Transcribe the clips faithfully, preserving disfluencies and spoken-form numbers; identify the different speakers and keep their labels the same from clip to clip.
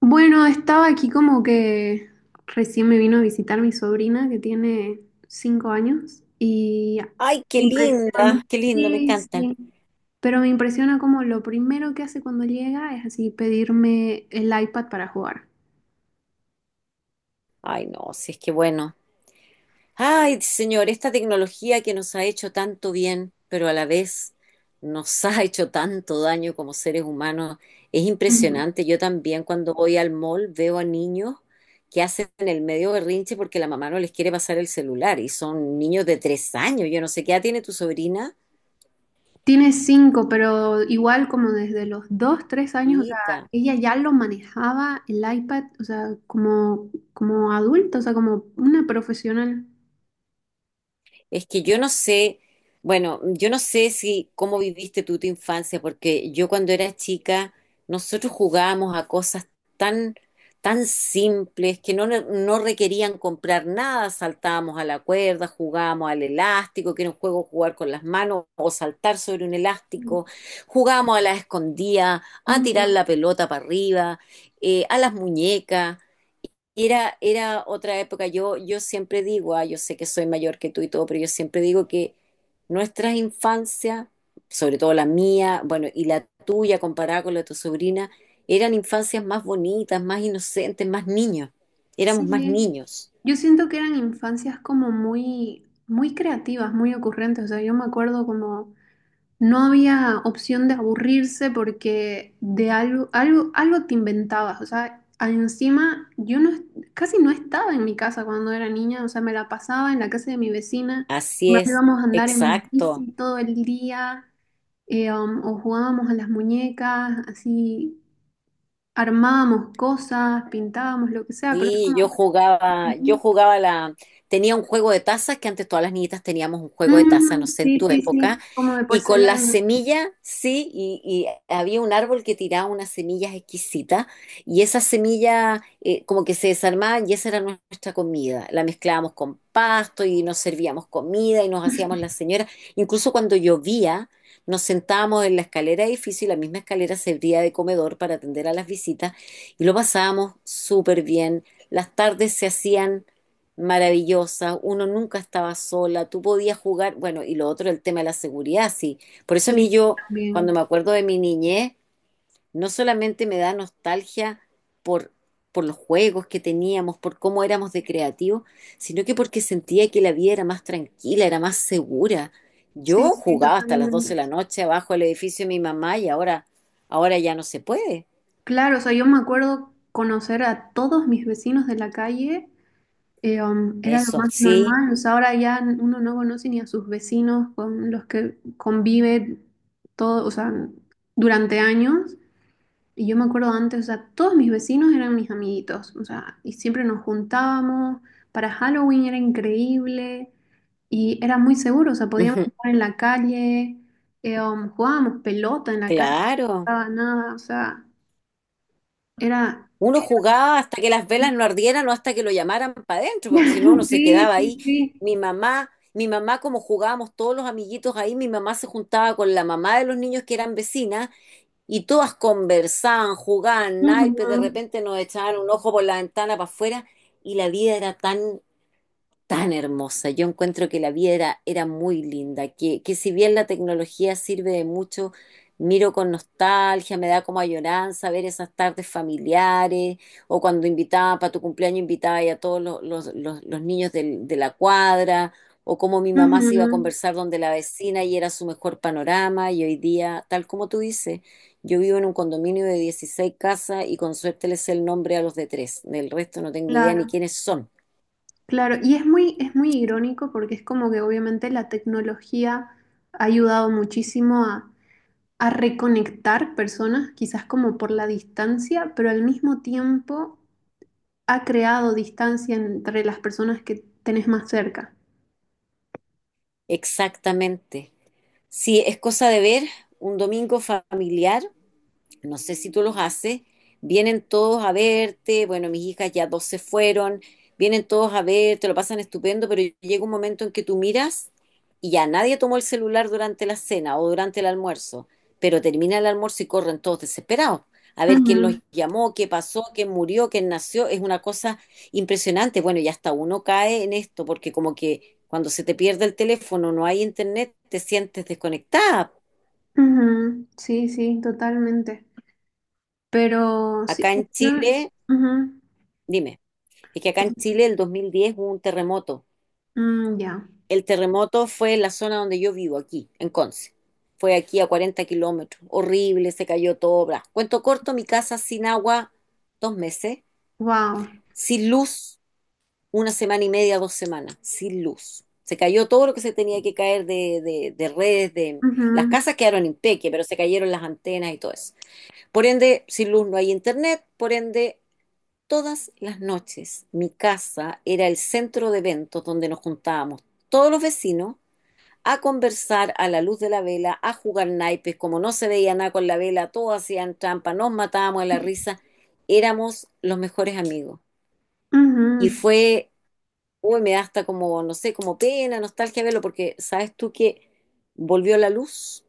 Speaker 1: Bueno, estaba aquí como que recién me vino a visitar mi sobrina que tiene cinco años y
Speaker 2: Ay,
Speaker 1: me
Speaker 2: qué
Speaker 1: impresiona,
Speaker 2: linda, qué lindo, me
Speaker 1: sí,
Speaker 2: encantan.
Speaker 1: sí, pero me impresiona como lo primero que hace cuando llega es así pedirme el iPad para jugar.
Speaker 2: Ay, no, si es que bueno. Ay, señor, esta tecnología que nos ha hecho tanto bien, pero a la vez nos ha hecho tanto daño como seres humanos, es
Speaker 1: Ujú.
Speaker 2: impresionante. Yo también cuando voy al mall veo a niños que hacen el medio berrinche porque la mamá no les quiere pasar el celular y son niños de tres años. Yo no sé qué edad tiene tu sobrina.
Speaker 1: Tiene cinco, pero igual como desde los dos, tres años, o sea,
Speaker 2: Chiquita.
Speaker 1: ella ya lo manejaba el iPad, o sea, como, como adulta, o sea, como una profesional.
Speaker 2: Es que yo no sé, bueno, yo no sé si cómo viviste tú tu infancia, porque yo cuando era chica, nosotros jugábamos a cosas tan, tan simples que no, no requerían comprar nada, saltábamos a la cuerda, jugábamos al elástico, que era un juego jugar con las manos o saltar sobre un elástico, jugábamos a la escondida, a tirar
Speaker 1: Ujú.
Speaker 2: la pelota para arriba, eh, a las muñecas. Era, era otra época. Yo, yo siempre digo, ah, yo sé que soy mayor que tú y todo, pero yo siempre digo que nuestras infancias, sobre todo la mía, bueno, y la tuya comparada con la de tu sobrina, eran infancias más bonitas, más inocentes, más niños. Éramos más
Speaker 1: Sí,
Speaker 2: niños.
Speaker 1: yo siento que eran infancias como muy, muy creativas, muy ocurrentes. O sea, yo me acuerdo como no había opción de aburrirse porque de algo, algo, algo te inventabas. O sea, a- encima yo no, es- casi no estaba en mi casa cuando era niña. O sea, me la pasaba en la casa de mi vecina.
Speaker 2: Así
Speaker 1: Nos
Speaker 2: es,
Speaker 1: íbamos a andar en
Speaker 2: exacto.
Speaker 1: bici todo el día eh, um, o jugábamos a las muñecas, así armábamos cosas, pintábamos lo que sea, pero es
Speaker 2: Sí,
Speaker 1: como...
Speaker 2: yo jugaba, yo jugaba la, tenía un juego de tazas, que antes todas las niñitas teníamos un juego de tazas, no
Speaker 1: Mm,
Speaker 2: sé, en
Speaker 1: sí,
Speaker 2: tu
Speaker 1: sí,
Speaker 2: época,
Speaker 1: sí, como de
Speaker 2: y con la
Speaker 1: porcelana.
Speaker 2: semilla, sí, y, y había un árbol que tiraba unas semillas exquisitas, y esas semillas eh, como que se desarmaban y esa era nuestra comida, la mezclábamos con pasto y nos servíamos comida y nos hacíamos las señoras, incluso cuando llovía, nos sentábamos en la escalera de edificio y la misma escalera servía de comedor para atender a las visitas. Y lo pasábamos súper bien. Las tardes se hacían maravillosas, uno nunca estaba sola, tú podías jugar, bueno, y lo otro, el tema de la seguridad, sí. Por eso a
Speaker 1: Sí,
Speaker 2: mí yo, cuando
Speaker 1: también.
Speaker 2: me acuerdo de mi niñez, no solamente me da nostalgia por, por los juegos que teníamos, por cómo éramos de creativos, sino que porque sentía que la vida era más tranquila, era más segura. Yo
Speaker 1: Sí, sí,
Speaker 2: jugaba hasta las doce
Speaker 1: totalmente.
Speaker 2: de la noche abajo del edificio de mi mamá y ahora, ahora ya no se puede.
Speaker 1: Claro, o sea, yo me acuerdo conocer a todos mis vecinos de la calle, eh, um, era lo
Speaker 2: Eso,
Speaker 1: más
Speaker 2: sí.
Speaker 1: normal, o sea, ahora ya uno no conoce ni a sus vecinos con los que convive todo, o sea, durante años. Y yo me acuerdo antes, o sea, todos mis vecinos eran mis amiguitos, o sea, y siempre nos juntábamos. Para Halloween era increíble. Y era muy seguro, o sea, podíamos jugar en la calle, eh, um, jugábamos pelota en la calle, no
Speaker 2: Claro.
Speaker 1: pasaba nada, o sea, era...
Speaker 2: Uno jugaba hasta que las velas no ardieran o hasta que lo llamaran para adentro, porque si no, uno se
Speaker 1: Sí,
Speaker 2: quedaba
Speaker 1: sí,
Speaker 2: ahí.
Speaker 1: sí.
Speaker 2: Mi mamá, mi mamá, como jugábamos todos los amiguitos ahí, mi mamá se juntaba con la mamá de los niños que eran vecinas y todas conversaban, jugaban naipes, de
Speaker 1: Ujú,
Speaker 2: repente nos echaban un ojo por la ventana para afuera y la vida era tan tan hermosa. Yo encuentro que la vida era, era muy linda, que, que si bien la tecnología sirve de mucho, miro con nostalgia, me da como añoranza ver esas tardes familiares o cuando invitaba, para tu cumpleaños invitaba a todos los, los- los- los niños del- de la cuadra o cómo mi mamá se iba a
Speaker 1: ujú.
Speaker 2: conversar donde la vecina y era su mejor panorama y hoy día, tal como tú dices, yo vivo en un condominio de dieciséis casas y con suerte les sé el nombre a los de tres, del resto no tengo idea ni
Speaker 1: Claro,
Speaker 2: quiénes son.
Speaker 1: claro. Y es muy, es muy irónico porque es como que obviamente la tecnología ha ayudado muchísimo a, a reconectar personas, quizás como por la distancia, pero al mismo tiempo ha creado distancia entre las personas que tenés más cerca.
Speaker 2: Exactamente. Sí, es cosa de ver un domingo familiar no sé si tú los haces, vienen todos a verte, bueno, mis hijas ya dos se fueron, vienen todos a verte, lo pasan estupendo, pero llega un momento en que tú miras y ya nadie tomó el celular durante la cena o durante el almuerzo, pero termina el almuerzo y corren todos desesperados. A ver quién los
Speaker 1: Ujú.
Speaker 2: llamó, qué pasó, quién murió, quién nació, es una cosa impresionante. Bueno, y hasta uno cae en esto, porque como que cuando se te pierde el teléfono, no hay internet, te sientes desconectada.
Speaker 1: Ujú. Sí, sí, totalmente. Pero sí,
Speaker 2: Acá en
Speaker 1: yo,
Speaker 2: Chile,
Speaker 1: ujú,
Speaker 2: dime. Es que acá en Chile el dos mil diez hubo un terremoto.
Speaker 1: mm, ya.
Speaker 2: El terremoto fue en la zona donde yo vivo, aquí, en Conce. Fue aquí a cuarenta kilómetros. Horrible, se cayó todo. Bla. Cuento corto, mi casa sin agua, dos meses.
Speaker 1: Wow.
Speaker 2: Sin luz, una semana y media, dos semanas. Sin luz. Se cayó todo lo que se tenía que caer de, de- de redes, de... Las
Speaker 1: Ujú.
Speaker 2: casas quedaron impeque, pero se cayeron las antenas y todo eso. Por ende, sin luz no hay internet, por ende, todas las noches. Mi casa era el centro de eventos donde nos juntábamos todos los vecinos a conversar a la luz de la vela, a jugar naipes, como no se veía nada con la vela, todos hacían trampa, nos matábamos de la risa, éramos los mejores amigos. Y fue, uy, me da hasta como, no sé, como pena, nostalgia verlo, porque sabes tú que volvió la luz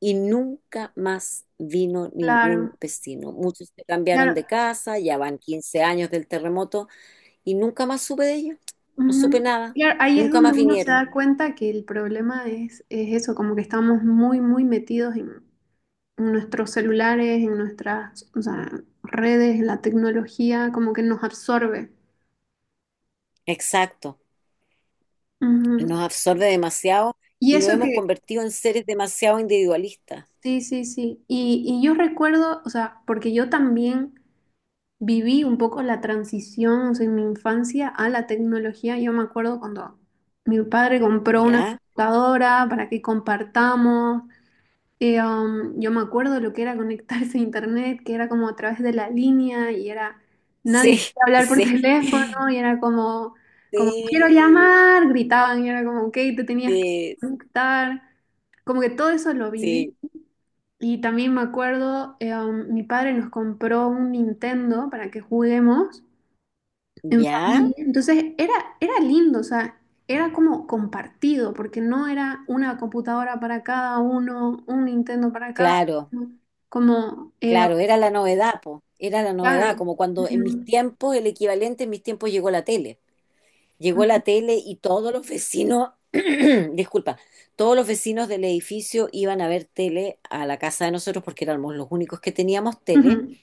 Speaker 2: y nunca más vino ningún
Speaker 1: Claro,
Speaker 2: vecino. Muchos se cambiaron
Speaker 1: claro,
Speaker 2: de casa, ya van quince años del terremoto, y nunca más supe de ellos, no supe
Speaker 1: ujú.
Speaker 2: nada,
Speaker 1: Claro, ahí es
Speaker 2: nunca
Speaker 1: donde
Speaker 2: más
Speaker 1: uno se
Speaker 2: vinieron.
Speaker 1: da cuenta que el problema es, es eso, como que estamos muy, muy metidos en, nuestros celulares, en nuestras, o sea, redes, en la tecnología, como que nos absorbe.
Speaker 2: Exacto,
Speaker 1: Ujú.
Speaker 2: nos absorbe demasiado
Speaker 1: Y
Speaker 2: y nos
Speaker 1: eso
Speaker 2: hemos
Speaker 1: que,
Speaker 2: convertido en seres demasiado individualistas,
Speaker 1: sí, sí, sí. Y, y yo recuerdo, o sea, porque yo también viví un poco la transición, o sea, en mi infancia a la tecnología. Yo me acuerdo cuando mi padre compró una
Speaker 2: ¿ya?
Speaker 1: computadora para que compartamos. Eh, um, yo me acuerdo lo que era conectarse a internet, que era como a través de la línea y era nadie
Speaker 2: Sí,
Speaker 1: podía hablar por
Speaker 2: sí,
Speaker 1: teléfono y era como, como quiero
Speaker 2: sí,
Speaker 1: llamar, gritaban y era como, ok, te tenías que
Speaker 2: sí,
Speaker 1: conectar. Como que todo eso lo viví.
Speaker 2: sí,
Speaker 1: Y también me acuerdo, eh, um, mi padre nos compró un Nintendo para que juguemos en
Speaker 2: ¿ya?
Speaker 1: familia. Entonces era, era lindo, o sea, era como compartido, porque no era una computadora para cada uno, un Nintendo para cada
Speaker 2: Claro,
Speaker 1: uno. Como, eh,
Speaker 2: claro, era la novedad, po, era la novedad,
Speaker 1: claro.
Speaker 2: como cuando en mis
Speaker 1: Ujú,
Speaker 2: tiempos, el equivalente en mis tiempos llegó la tele. Llegó
Speaker 1: ujú,
Speaker 2: la tele y todos los vecinos, disculpa, todos los vecinos del edificio iban a ver tele a la casa de nosotros porque éramos los únicos que teníamos tele.
Speaker 1: ujú.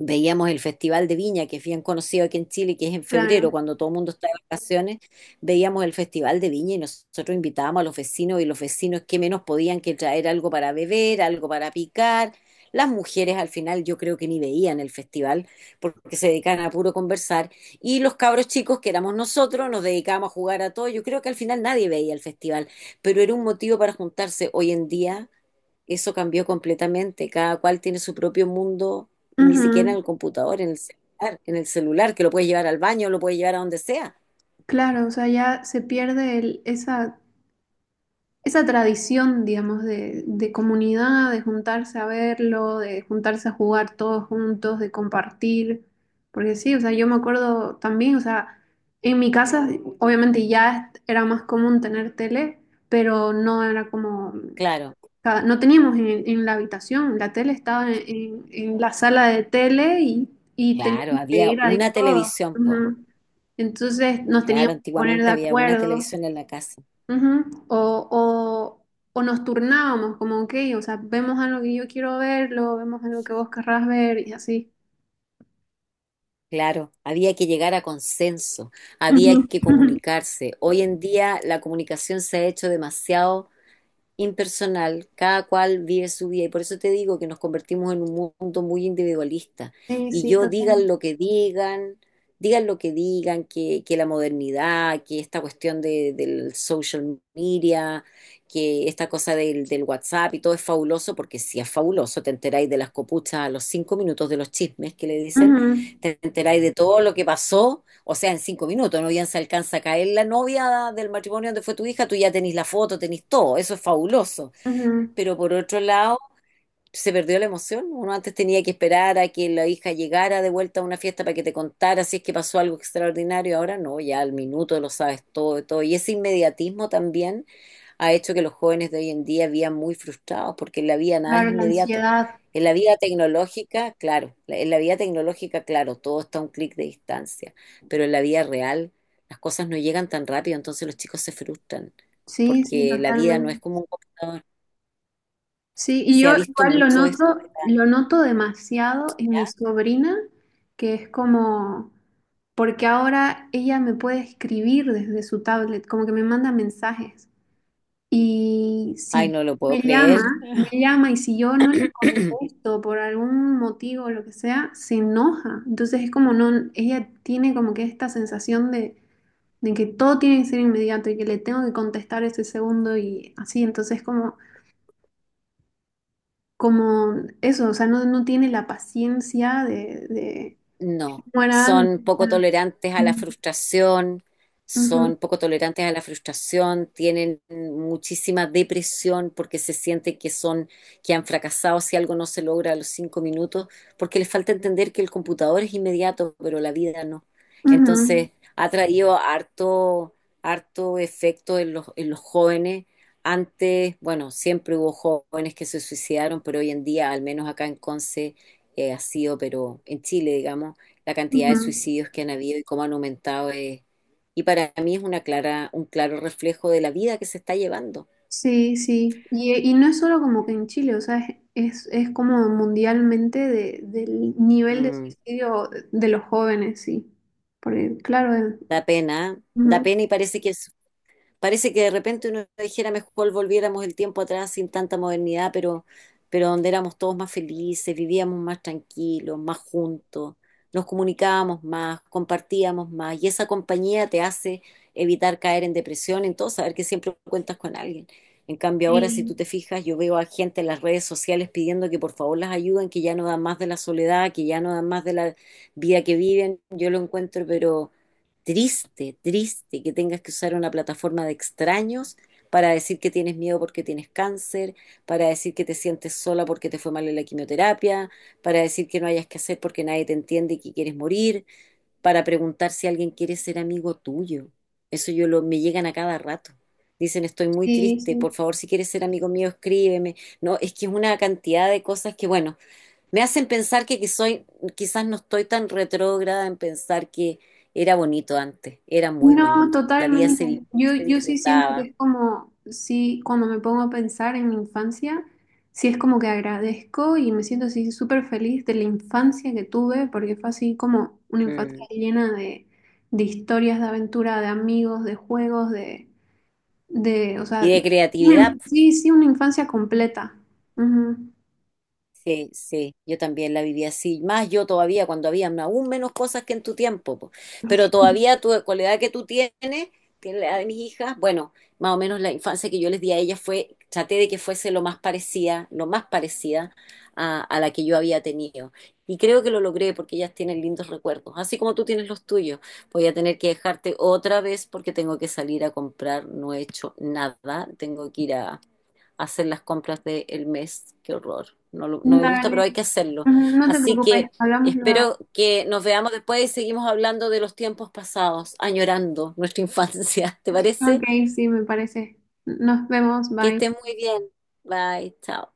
Speaker 2: Veíamos el Festival de Viña, que es bien conocido aquí en Chile, que es en
Speaker 1: Claro.
Speaker 2: febrero, cuando todo el mundo está de vacaciones. Veíamos el Festival de Viña y nosotros invitábamos a los vecinos y los vecinos que menos podían que traer algo para beber, algo para picar. Las mujeres al final yo creo que ni veían el festival porque se dedicaban a puro conversar. Y los cabros chicos que éramos nosotros nos dedicábamos a jugar a todo. Yo creo que al final nadie veía el festival, pero era un motivo para juntarse. Hoy en día eso cambió completamente. Cada cual tiene su propio mundo, y ni siquiera
Speaker 1: Ujú.
Speaker 2: en el computador, en el celular, en el celular, que lo puedes llevar al baño, lo puedes llevar a donde sea.
Speaker 1: Claro, o sea, ya se pierde el- esa esa tradición, digamos, de, de comunidad, de juntarse a verlo, de juntarse a jugar todos juntos, de compartir. Porque sí, o sea, yo me acuerdo también, o sea, en mi casa obviamente ya era más común tener tele, pero no era como,
Speaker 2: Claro,
Speaker 1: cada- no teníamos en, en la habitación, la tele estaba en, en- en la sala de tele y, y
Speaker 2: claro,
Speaker 1: teníamos que
Speaker 2: había
Speaker 1: ir ahí
Speaker 2: una
Speaker 1: todos.
Speaker 2: televisión, pues.
Speaker 1: Ujú. Entonces nos
Speaker 2: Claro,
Speaker 1: teníamos que poner de
Speaker 2: antiguamente había una
Speaker 1: acuerdo.
Speaker 2: televisión en la casa.
Speaker 1: Ujú. O, o, o nos turnábamos, como, ok, o sea, vemos algo que yo quiero verlo, vemos algo que vos querrás ver y así.
Speaker 2: Claro, había que llegar a consenso,
Speaker 1: Ujú.
Speaker 2: había que comunicarse. Hoy en día la comunicación se ha hecho demasiado impersonal, cada cual vive su vida y por eso te digo que nos convertimos en un mundo muy individualista.
Speaker 1: Sí,
Speaker 2: Y
Speaker 1: sí,
Speaker 2: yo digan
Speaker 1: totalmente.
Speaker 2: lo que digan, digan lo que digan, que, que la modernidad, que esta cuestión de, del, social media, que esta cosa del, del WhatsApp y todo es fabuloso, porque si es fabuloso, te enteráis de las copuchas a los cinco minutos de los chismes que le dicen,
Speaker 1: Ujú,
Speaker 2: te enteráis de todo lo que pasó o sea, en cinco minutos, no bien se alcanza a caer la novia del matrimonio donde fue tu hija, tú ya tenés la foto, tenés todo, eso es fabuloso.
Speaker 1: ujú.
Speaker 2: Pero por otro lado, se perdió la emoción. Uno antes tenía que esperar a que la hija llegara de vuelta a una fiesta para que te contara si es que pasó algo extraordinario. Ahora no, ya al minuto lo sabes todo, todo. Y ese inmediatismo también ha hecho que los jóvenes de hoy en día vivan muy frustrados porque en la vida nada es
Speaker 1: Claro, la
Speaker 2: inmediato.
Speaker 1: ansiedad.
Speaker 2: En la vida tecnológica, claro, la- en la vida tecnológica, claro, todo está a un clic de distancia, pero en la vida real las cosas no llegan tan rápido, entonces los chicos se frustran
Speaker 1: Sí, sí,
Speaker 2: porque la vida no es
Speaker 1: totalmente.
Speaker 2: como un computador.
Speaker 1: Sí, y
Speaker 2: Se
Speaker 1: yo
Speaker 2: ha visto
Speaker 1: igual lo
Speaker 2: mucho esto.
Speaker 1: noto, lo noto demasiado en mi sobrina, que es como, porque ahora ella me puede escribir desde su tablet, como que me manda mensajes. Y
Speaker 2: Ay,
Speaker 1: si
Speaker 2: no lo puedo
Speaker 1: me llama,
Speaker 2: creer.
Speaker 1: me llama y si yo no le contesto por algún motivo o lo que sea, se enoja. Entonces es como no, ella tiene como que esta sensación de, de que todo tiene que ser inmediato y que le tengo que contestar ese segundo y así. Entonces como, como eso, o sea, no, no tiene la paciencia de, de
Speaker 2: No,
Speaker 1: como era
Speaker 2: son
Speaker 1: antes. O sea,
Speaker 2: poco tolerantes a la frustración,
Speaker 1: ujú,
Speaker 2: son poco tolerantes a la frustración, tienen muchísima depresión porque se siente que son, que han fracasado si algo no se logra a los cinco minutos, porque les falta entender que el computador es inmediato, pero la vida no.
Speaker 1: ujú,
Speaker 2: Entonces, ha traído harto, harto efecto en los, en los jóvenes. Antes, bueno, siempre hubo jóvenes que se suicidaron, pero hoy en día, al menos acá en Conce, eh, ha sido, pero en Chile, digamos, la cantidad de
Speaker 1: ujú.
Speaker 2: suicidios que han habido y cómo han aumentado es, y para mí es una clara, un claro reflejo de la vida que se está llevando.
Speaker 1: Sí, sí. Y, y no es solo como que en Chile, o sea, es, es, es como mundialmente de- del nivel de
Speaker 2: Mm,
Speaker 1: suicidio de los jóvenes, sí. Porque, claro, eh,
Speaker 2: da pena, ¿eh? Da
Speaker 1: ujú.
Speaker 2: pena y parece que parece que de repente uno dijera mejor volviéramos el tiempo atrás sin tanta modernidad, pero, pero donde éramos todos más felices, vivíamos más tranquilos, más juntos, nos comunicábamos más, compartíamos más, y esa compañía te hace evitar caer en depresión, en todo, saber que siempre cuentas con alguien. En cambio, ahora si
Speaker 1: Sí,
Speaker 2: tú te fijas, yo veo a gente en las redes sociales pidiendo que por favor las ayuden, que ya no dan más de la soledad, que ya no dan más de la vida que viven. Yo lo encuentro, pero triste, triste que tengas que usar una plataforma de extraños para decir que tienes miedo porque tienes cáncer, para decir que te sientes sola porque te fue mal en la quimioterapia, para decir que no hayas que hacer porque nadie te entiende y que quieres morir, para preguntar si alguien quiere ser amigo tuyo. Eso yo lo, me llegan a cada rato. Dicen, estoy muy
Speaker 1: sí,
Speaker 2: triste,
Speaker 1: sí.
Speaker 2: por favor, si quieres ser amigo mío, escríbeme. No, es que es una cantidad de cosas que, bueno, me hacen pensar que, que soy, quizás no estoy tan retrógrada en pensar que era bonito antes, era muy
Speaker 1: No,
Speaker 2: bonito. La vida se vivía
Speaker 1: totalmente.
Speaker 2: y
Speaker 1: Yo,
Speaker 2: se
Speaker 1: yo sí siento que
Speaker 2: disfrutaba.
Speaker 1: es como, sí, cuando me pongo a pensar en mi infancia, sí es como que agradezco y me siento así súper feliz de la infancia que tuve, porque fue así como una infancia
Speaker 2: Mm.
Speaker 1: llena de, de historias, de aventura, de amigos, de juegos, de... de, o sea,
Speaker 2: Y de creatividad,
Speaker 1: una... sí, sí, una infancia completa. Ujú.
Speaker 2: sí, sí, yo también la viví así. Más yo todavía, cuando había aún menos cosas que en tu tiempo. Po. Pero todavía tu, con la edad que tú tienes, tienes la edad de mis hijas, bueno, más o menos la infancia que yo les di a ellas fue, traté de que fuese lo más parecida, lo más parecida a, a la que yo había tenido. Y creo que lo logré porque ellas tienen lindos recuerdos, así como tú tienes los tuyos. Voy a tener que dejarte otra vez porque tengo que salir a comprar, no he hecho nada, tengo que ir a hacer las compras del mes. Qué horror. No, lo- no me gusta,
Speaker 1: Dale.
Speaker 2: pero hay que hacerlo.
Speaker 1: Ujú, no te
Speaker 2: Así
Speaker 1: preocupes,
Speaker 2: que
Speaker 1: hablamos luego.
Speaker 2: espero que nos veamos después y seguimos hablando de los tiempos pasados, añorando nuestra infancia. ¿Te
Speaker 1: Ok,
Speaker 2: parece?
Speaker 1: sí, me parece. Nos vemos,
Speaker 2: Que estés
Speaker 1: bye.
Speaker 2: muy bien. Bye, chao.